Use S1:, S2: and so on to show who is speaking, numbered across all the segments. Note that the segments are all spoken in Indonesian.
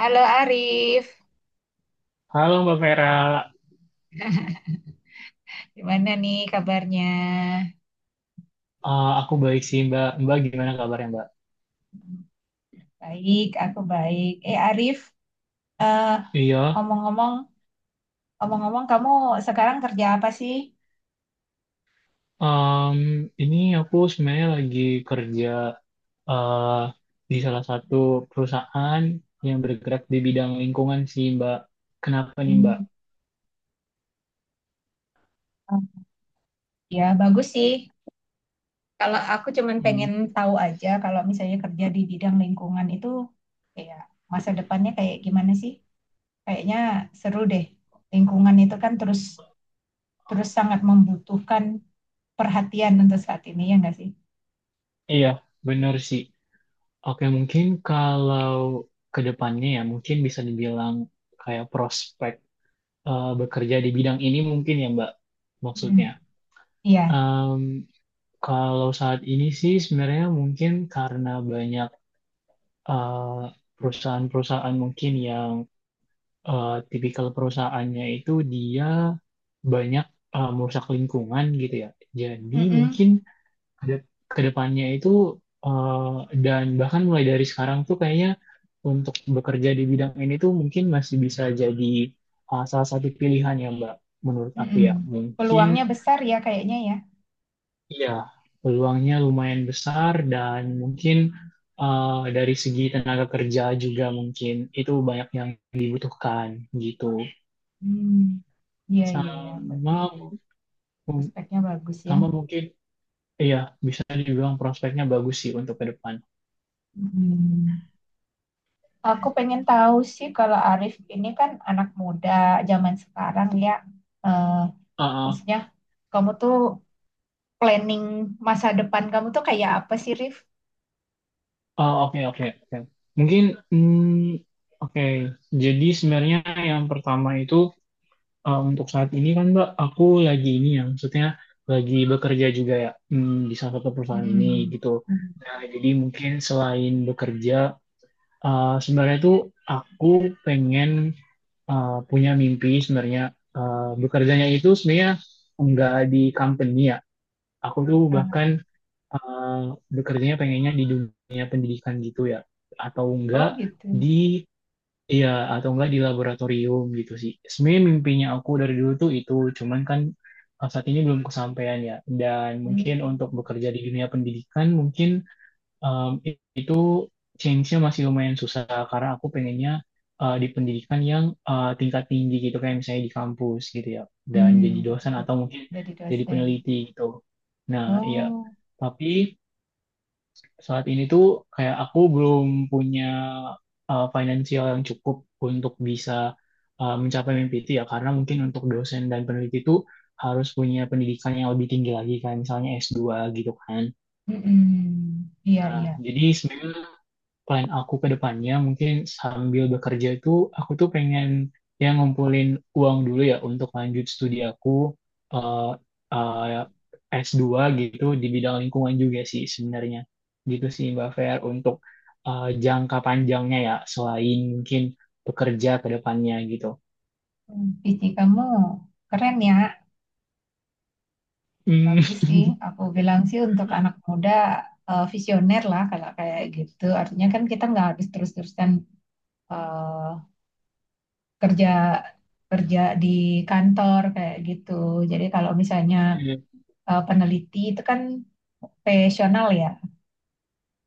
S1: Halo Arif,
S2: Halo Mbak Vera.
S1: gimana nih kabarnya?
S2: Aku baik sih Mbak. Mbak gimana kabarnya Mbak?
S1: Baik, aku baik. Eh Arif, eh,
S2: Iya.
S1: ngomong-ngomong, ngomong-ngomong, kamu sekarang kerja apa sih?
S2: em, ini aku sebenarnya lagi kerja eh, di salah satu perusahaan yang bergerak di bidang lingkungan sih Mbak. Kenapa nih Mbak?
S1: Hmm, ya bagus sih. Kalau aku cuman
S2: Hmm,
S1: pengen tahu aja, kalau misalnya kerja di bidang lingkungan itu, ya masa depannya kayak gimana sih? Kayaknya seru deh. Lingkungan itu kan terus terus sangat membutuhkan perhatian untuk saat ini, ya nggak sih?
S2: iya, bener sih. Oke, mungkin kalau ke depannya ya mungkin bisa dibilang kayak prospek bekerja di bidang ini mungkin ya Mbak
S1: Mm,
S2: maksudnya.
S1: iya.
S2: Kalau saat ini sih sebenarnya mungkin karena banyak eh, perusahaan-perusahaan mungkin yang tipikal perusahaannya itu dia banyak merusak lingkungan gitu ya. Jadi
S1: Mm-mm.
S2: mungkin ke ke depannya itu dan bahkan mulai dari sekarang tuh kayaknya untuk bekerja di bidang ini tuh mungkin masih bisa jadi salah satu pilihan ya Mbak. Menurut aku
S1: Mm-mm.
S2: ya mungkin
S1: Peluangnya besar ya kayaknya ya.
S2: iya, peluangnya lumayan besar dan mungkin eh, dari segi tenaga kerja juga mungkin itu banyak yang dibutuhkan gitu.
S1: Hmm. Iya, iya, iya. Berarti
S2: Sama
S1: prospeknya bagus ya.
S2: sama mungkin iya bisa dibilang prospeknya bagus sih untuk ke depan.
S1: Hmm. Aku pengen tahu sih, kalau Arif ini kan anak muda zaman sekarang ya. Eh,
S2: Ah, ah.
S1: Maksudnya kamu tuh planning masa depan kamu tuh kayak apa sih, Rif?
S2: Ah, oke oke oke. Mungkin oke. Jadi sebenarnya yang pertama itu, untuk saat ini kan Mbak, aku lagi ini ya, maksudnya lagi bekerja juga ya, di salah satu perusahaan ini
S1: Mm-mm.
S2: gitu.
S1: Hmm.
S2: Nah, jadi mungkin selain bekerja, sebenarnya tuh aku pengen punya mimpi sebenarnya. Eh, bekerjanya itu sebenarnya enggak di company ya. Aku tuh
S1: Ah,
S2: bahkan eh, bekerjanya pengennya di dunia pendidikan gitu ya, atau enggak
S1: oh gitu.
S2: di iya, atau enggak di laboratorium gitu sih. Sebenarnya mimpinya aku dari dulu tuh itu, cuman kan saat ini belum kesampaian ya. Dan
S1: Hmm.
S2: mungkin untuk bekerja di dunia pendidikan, mungkin itu change-nya masih lumayan susah karena aku pengennya di pendidikan yang tingkat tinggi gitu, kayak misalnya di kampus gitu ya. Dan jadi
S1: Hmm.
S2: dosen atau mungkin
S1: Jadi
S2: jadi
S1: dosen.
S2: peneliti gitu. Nah, iya.
S1: Oh.
S2: Tapi saat ini tuh kayak aku belum punya financial yang cukup untuk bisa mencapai mimpi itu ya, karena mungkin untuk dosen dan peneliti itu harus punya pendidikan yang lebih tinggi lagi kan misalnya S2 gitu kan.
S1: Mm-mm. Iya, iya.
S2: Jadi sebenarnya plan aku ke depannya mungkin sambil bekerja itu aku tuh pengen ya ngumpulin uang dulu ya untuk lanjut studi aku eh, s dua gitu di bidang lingkungan juga sih sebenarnya. Gitu sih Mbak Fer untuk jangka panjangnya ya selain mungkin bekerja ke depannya gitu.
S1: Hmm, PC kamu keren ya,
S2: Hmm,
S1: bagus sih. Aku bilang sih untuk anak muda visioner lah kalau kayak gitu. Artinya kan kita nggak habis terus-terusan eh, kerja kerja di kantor kayak gitu. Jadi kalau misalnya peneliti itu kan profesional ya,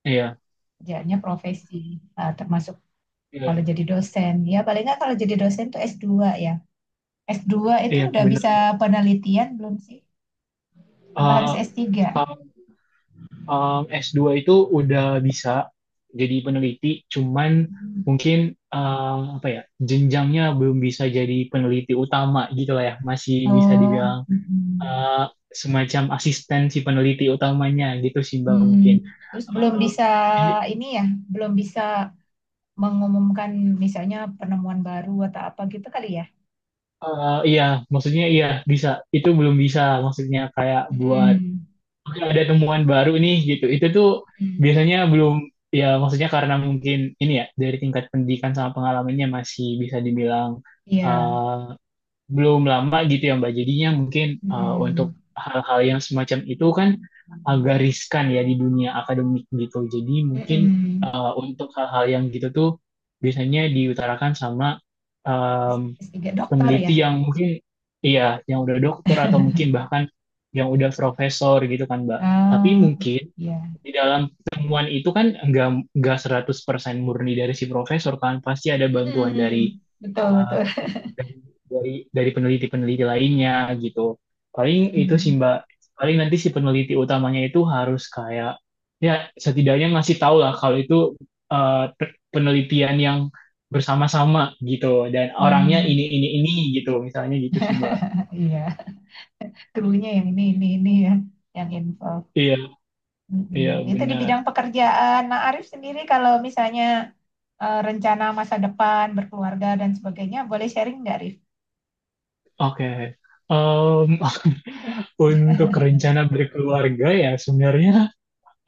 S2: iya, iya,
S1: kerjanya profesi, termasuk kalau
S2: iya,
S1: jadi dosen. Ya paling nggak kalau jadi dosen tuh S2 ya. S dua itu
S2: iya,
S1: udah
S2: bener
S1: bisa
S2: Mbak.
S1: penelitian belum sih? Apa harus S3?
S2: Eh, s dua itu udah bisa jadi peneliti, cuman mungkin apa ya jenjangnya belum bisa jadi peneliti utama gitu lah ya, masih bisa
S1: Oh,
S2: dibilang
S1: mm,
S2: uh, semacam asisten si peneliti utamanya gitu sih Mbak
S1: mm.
S2: mungkin.
S1: Terus belum bisa
S2: Um, ini
S1: ini ya, belum bisa mengumumkan misalnya penemuan baru atau apa gitu kali ya?
S2: iya maksudnya iya bisa itu belum bisa maksudnya kayak buat
S1: Mm,
S2: oke, ada temuan baru nih gitu. Itu tuh
S1: mm.
S2: biasanya belum ya maksudnya karena mungkin ini ya dari tingkat pendidikan sama pengalamannya masih bisa dibilang
S1: Iya.
S2: eh, belum lama gitu ya Mbak. Jadinya mungkin untuk
S1: Mm,
S2: hal-hal yang semacam itu kan agak riskan ya di dunia akademik gitu. Jadi mungkin
S1: mm.
S2: untuk hal-hal yang gitu tuh biasanya diutarakan sama
S1: S3 dokter ya?
S2: peneliti yang mungkin iya yang udah dokter atau mungkin bahkan yang udah profesor gitu kan Mbak. Tapi
S1: Ah,
S2: mungkin
S1: iya.
S2: di dalam temuan itu kan enggak 100% murni dari si profesor, kan pasti ada bantuan dari
S1: Mm, betul,
S2: eh,
S1: betul.
S2: dari dari peneliti-peneliti lainnya gitu. Paling itu sih
S1: Mm,
S2: Mbak, paling nanti si peneliti utamanya itu harus kayak ya setidaknya ngasih tahu lah kalau itu penelitian yang bersama-sama gitu dan orangnya
S1: mm.
S2: ini gitu misalnya gitu sih Mbak.
S1: Iya, krunya yang ini ya, yang info.
S2: Iya, iya
S1: Mm-mm. Itu di
S2: benar.
S1: bidang pekerjaan. Nah, Arif sendiri kalau misalnya rencana masa depan, berkeluarga dan sebagainya, boleh sharing nggak, Arif?
S2: Oke. Em, untuk rencana berkeluarga ya sebenarnya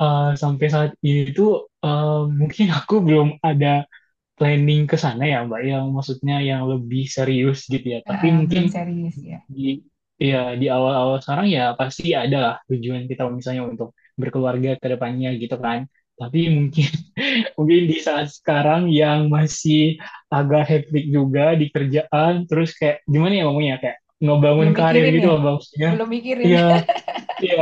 S2: sampai saat ini tuh mungkin aku belum ada planning ke sana ya Mbak, yang maksudnya yang lebih serius gitu ya.
S1: Ah,
S2: Tapi
S1: ah, belum
S2: mungkin
S1: serius ya.
S2: di ya di awal-awal sekarang ya pasti ada lah tujuan kita misalnya untuk berkeluarga ke depannya gitu kan. Tapi mungkin
S1: Mm.
S2: mungkin di saat sekarang yang masih agak hectic juga di kerjaan, terus kayak gimana ya ngomongnya kayak ngebangun
S1: Belum
S2: karir
S1: mikirin
S2: gitu
S1: ya?
S2: loh Mbak, maksudnya.
S1: Belum mikirin.
S2: Iya, iya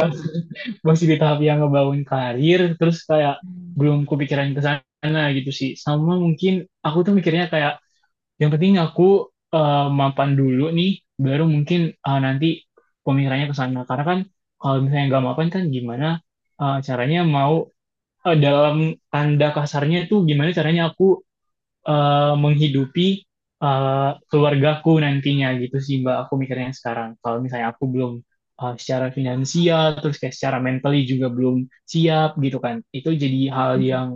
S2: masih di tahap yang ngebangun karir, terus kayak belum kepikiran ke sana gitu sih. Sama mungkin aku tuh mikirnya kayak yang penting aku mapan dulu nih, baru mungkin nanti pemikirannya ke sana. Karena kan kalau misalnya nggak mapan kan gimana caranya mau dalam tanda kasarnya tuh gimana caranya aku menghidupi keluargaku nantinya gitu sih Mbak. Aku mikirnya sekarang. Kalau misalnya aku belum secara finansial, terus kayak secara mentally juga belum siap gitu kan. Itu jadi hal
S1: Hmm.
S2: yang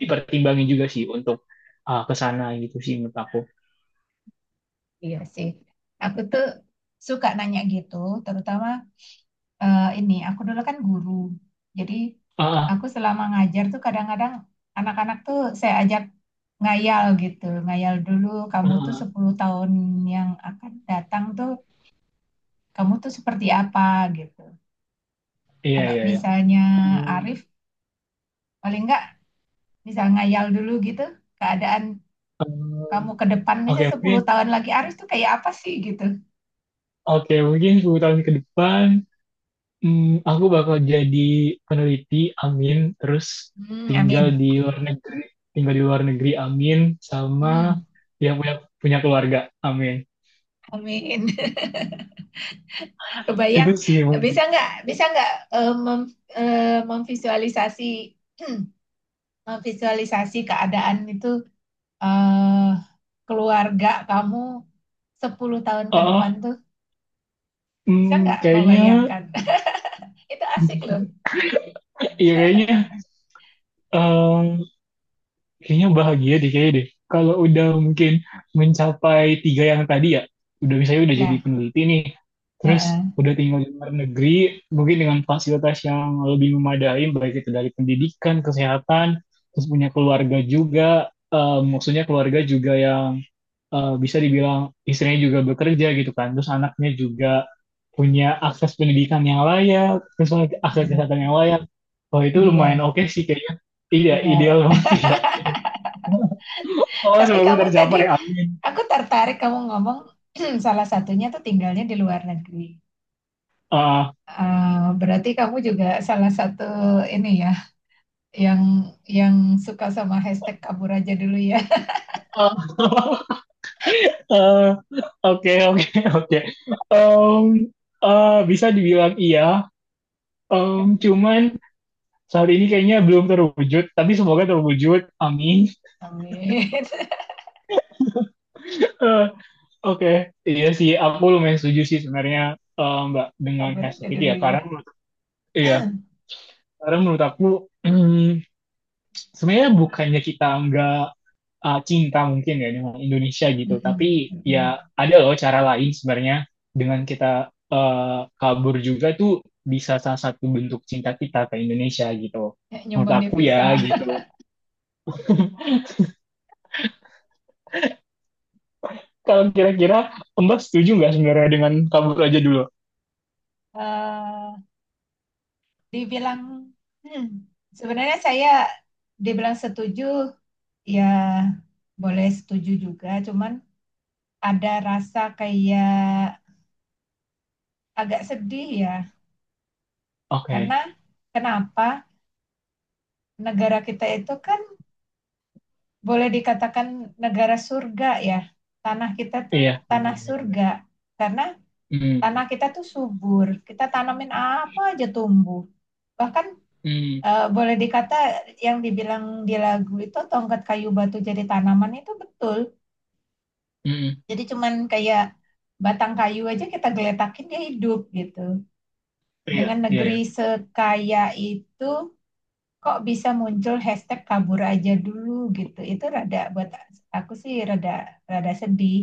S2: dipertimbangin juga sih untuk ke sana gitu sih menurut aku.
S1: Iya sih. Aku tuh suka nanya gitu, terutama ini aku dulu kan guru. Jadi
S2: Ah,
S1: aku selama ngajar tuh kadang-kadang anak-anak tuh saya ajak ngayal gitu. Ngayal dulu, kamu tuh
S2: ah,
S1: 10 tahun yang akan datang tuh kamu tuh seperti apa gitu.
S2: iya
S1: Kalau
S2: iya iya.
S1: misalnya
S2: Hmm,
S1: Arif paling enggak bisa ngayal dulu gitu, keadaan kamu
S2: hmm,
S1: ke depan
S2: Oke
S1: misalnya 10
S2: mungkin
S1: tahun lagi Arif tuh kayak apa sih gitu.
S2: oke mungkin, 10 tahun ke depan aku bakal jadi peneliti, amin, terus
S1: Hmm,
S2: tinggal
S1: amin.
S2: di luar negeri, amin, sama
S1: Hmm,
S2: yang punya punya keluarga, amin,
S1: amin.
S2: itu
S1: Kebayang,
S2: sih mungkin.
S1: bisa nggak eh, memvisualisasi, memvisualisasi keadaan itu, eh, keluarga kamu 10 tahun
S2: Oh,
S1: ke depan
S2: oh,
S1: tuh, bisa
S2: hmm,
S1: nggak
S2: kayaknya
S1: membayangkan? Itu asik loh.
S2: ya kayaknya kayaknya bahagia deh kayaknya deh. Kalau udah mungkin mencapai tiga yang tadi ya, udah misalnya udah jadi
S1: Iya,
S2: peneliti nih, terus
S1: heeh.
S2: udah tinggal di luar negeri, mungkin dengan fasilitas yang lebih memadai, baik itu dari pendidikan, kesehatan, terus punya keluarga juga, maksudnya keluarga juga yang bisa dibilang istrinya juga bekerja gitu kan, terus anaknya juga punya akses pendidikan yang layak, terus lagi akses
S1: Hmm,
S2: kesehatan yang layak. Wah itu lumayan
S1: ideal,
S2: oke sih kayaknya. Iya,
S1: ideal.
S2: ideal banget sih ya. Oh,
S1: Tapi
S2: semoga
S1: kamu tadi,
S2: tercapai. Amin.
S1: aku tertarik kamu ngomong, salah satunya tuh tinggalnya di luar negeri.
S2: Ah,
S1: Berarti kamu juga salah satu ini ya, yang suka sama hashtag kabur aja dulu ya.
S2: ah, eh, oke, oke. um Bisa dibilang iya. Cuman saat ini kayaknya belum terwujud, tapi semoga terwujud. Amin.
S1: Amin.
S2: Eh, Oke, okay. Iya sih, aku lumayan setuju sih sebenarnya Mbak dengan
S1: Kabur aja
S2: hashtag itu
S1: dulu
S2: ya.
S1: ya.
S2: Karena iya, karena menurut aku, hmm, sebenarnya bukannya kita nggak cinta mungkin ya dengan Indonesia gitu. Tapi
S1: Mm-mm, mm-mm.
S2: ya ada loh cara lain sebenarnya dengan kita uh, kabur juga tuh bisa salah satu bentuk cinta kita ke Indonesia gitu.
S1: Ya,
S2: Menurut
S1: nyumbang
S2: aku ya
S1: devisa.
S2: gitu. Kalau kira-kira Mbak setuju nggak sebenarnya dengan kabur aja dulu?
S1: Eh, Dibilang, hmm, sebenarnya saya dibilang setuju ya boleh setuju juga, cuman ada rasa kayak agak sedih ya.
S2: Oke,
S1: Karena kenapa negara kita itu kan boleh dikatakan negara surga ya. Tanah kita tuh
S2: iya benar
S1: tanah
S2: benar.
S1: surga karena
S2: Hmm,
S1: tanah kita tuh subur. Kita tanamin apa aja tumbuh. Bahkan
S2: hmm,
S1: boleh dikata yang dibilang di lagu itu, tongkat kayu batu jadi tanaman, itu betul.
S2: hmm,
S1: Jadi cuman kayak batang kayu aja kita geletakin dia hidup gitu.
S2: iya
S1: Dengan
S2: iya
S1: negeri
S2: iya.
S1: sekaya itu, kok bisa muncul hashtag kabur aja dulu gitu. Itu rada buat aku sih rada rada sedih.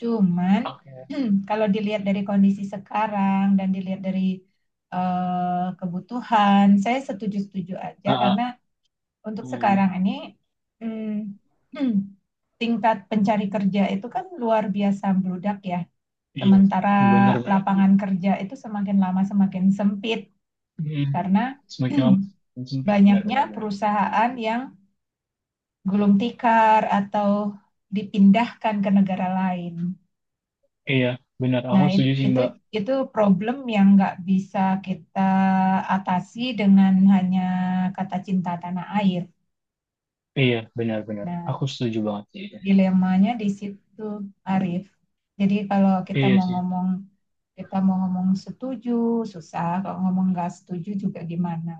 S1: Cuman
S2: Oke.
S1: kalau dilihat dari kondisi sekarang dan dilihat dari kebutuhan, saya setuju-setuju aja
S2: Ah,
S1: karena
S2: ah,
S1: untuk
S2: hmm,
S1: sekarang ini mm, tingkat pencari kerja itu kan luar biasa membludak ya.
S2: iya
S1: Sementara
S2: benar benar.
S1: lapangan kerja itu semakin lama semakin sempit
S2: Hmm.
S1: karena
S2: Semakin lama semakin sempit benar
S1: banyaknya
S2: benar benar.
S1: perusahaan yang gulung tikar atau dipindahkan ke negara lain.
S2: Iya, benar. Aku
S1: Nah,
S2: setuju sih, Mbak.
S1: itu problem yang nggak bisa kita atasi dengan hanya kata cinta tanah air.
S2: Iya, benar-benar. Aku
S1: Nah,
S2: setuju banget sih.
S1: dilemanya di situ, Arief. Jadi kalau kita
S2: Iya
S1: mau
S2: sih.
S1: ngomong, kita mau ngomong setuju susah, kalau ngomong nggak setuju juga gimana,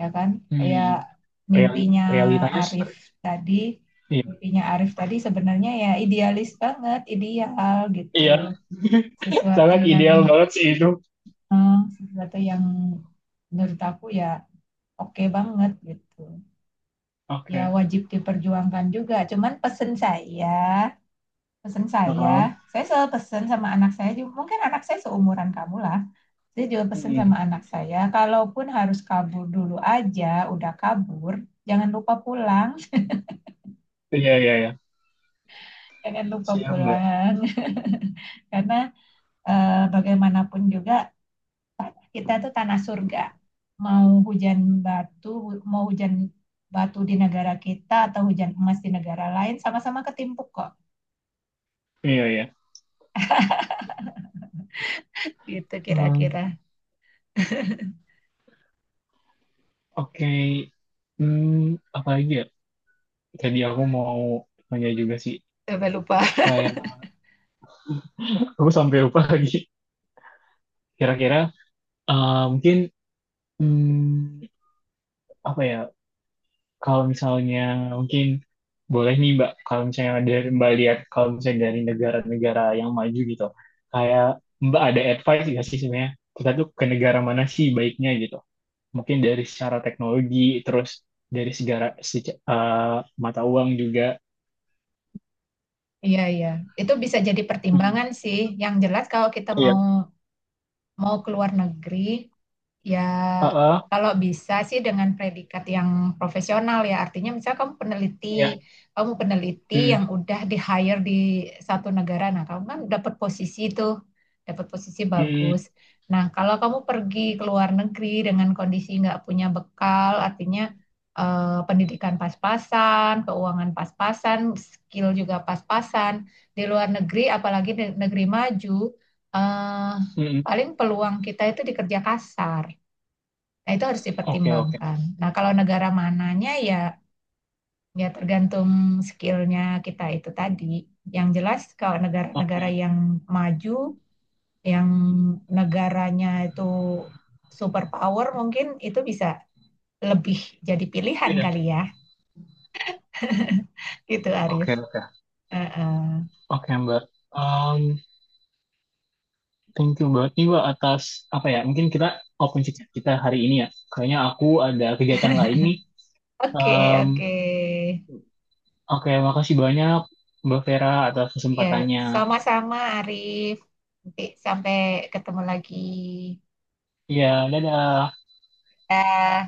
S1: ya kan? Kayak
S2: Hmm. real
S1: mimpinya
S2: Realitanya
S1: Arif
S2: seperti
S1: tadi,
S2: iya.
S1: mimpinya Arif tadi sebenarnya ya idealis banget, ideal gitu.
S2: Iya,
S1: Sesuatu
S2: sangat
S1: yang
S2: ideal banget sih itu.
S1: sesuatu yang menurut aku ya oke banget gitu. Ya
S2: Oke.
S1: wajib diperjuangkan juga. Cuman pesen
S2: Heeh.
S1: saya selalu pesen sama anak saya juga. Mungkin anak saya seumuran kamu lah. Saya juga pesen
S2: Hmm.
S1: sama anak saya, kalaupun harus kabur dulu aja, udah kabur, jangan lupa pulang,
S2: Iya, iya, iya.
S1: jangan lupa
S2: Siap, Mbak.
S1: pulang. Karena bagaimanapun juga kita tuh tanah surga. mau hujan batu Mau hujan batu di negara kita atau hujan emas di negara lain, sama-sama ketimpuk kok,
S2: Iya, iya.
S1: gitu
S2: Hmm.
S1: kira-kira.
S2: Oke. Hmm, apa lagi ya? Tadi aku mau tanya juga sih.
S1: Coba lupa.
S2: Kayak aku sampai lupa lagi. Kira-kira mungkin hmm, apa ya? Kalau misalnya mungkin boleh nih Mbak, kalau misalnya dari Mbak lihat kalau misalnya dari negara-negara yang maju gitu, kayak Mbak ada advice nggak sih sebenarnya kita tuh ke negara mana sih baiknya gitu? Mungkin dari secara teknologi, terus dari segala seca- eh, mata uang juga.
S1: Iya, iya, itu bisa jadi
S2: Hmm,
S1: pertimbangan sih. Yang jelas kalau kita
S2: iya.
S1: mau mau keluar negeri, ya,
S2: Heeh,
S1: kalau bisa sih dengan predikat yang profesional ya, artinya misalnya kamu peneliti,
S2: iya.
S1: yang
S2: Hmm
S1: udah di hire di satu negara, nah kamu kan dapat posisi itu, dapat posisi bagus.
S2: hmm
S1: Nah, kalau kamu pergi ke luar negeri dengan kondisi nggak punya bekal, artinya pendidikan pas-pasan, keuangan pas-pasan, skill juga pas-pasan, di luar negeri, apalagi di negeri maju, eh,
S2: hmm.
S1: paling peluang kita itu di kerja kasar. Nah, itu harus
S2: Oke, oke,
S1: dipertimbangkan. Nah, kalau negara mananya, ya tergantung skillnya kita itu tadi. Yang jelas kalau
S2: oke.
S1: negara-negara yang maju, yang negaranya itu superpower, mungkin itu bisa lebih jadi pilihan
S2: Iya.
S1: kali ya, gitu Arif.
S2: Oke, oke.
S1: Uh-uh.
S2: Oke, Mbak. Mmm, Thank you banget nih Wak atas apa ya? Mungkin kita open chat kita hari ini ya. Kayaknya aku ada kegiatan lain nih.
S1: Oke,
S2: Em,
S1: oke.
S2: oke, makasih banyak Mbak Vera atas
S1: Ya,
S2: kesempatannya.
S1: sama-sama Arif. Nanti sampai ketemu lagi.
S2: Iya, dadah.
S1: Dah.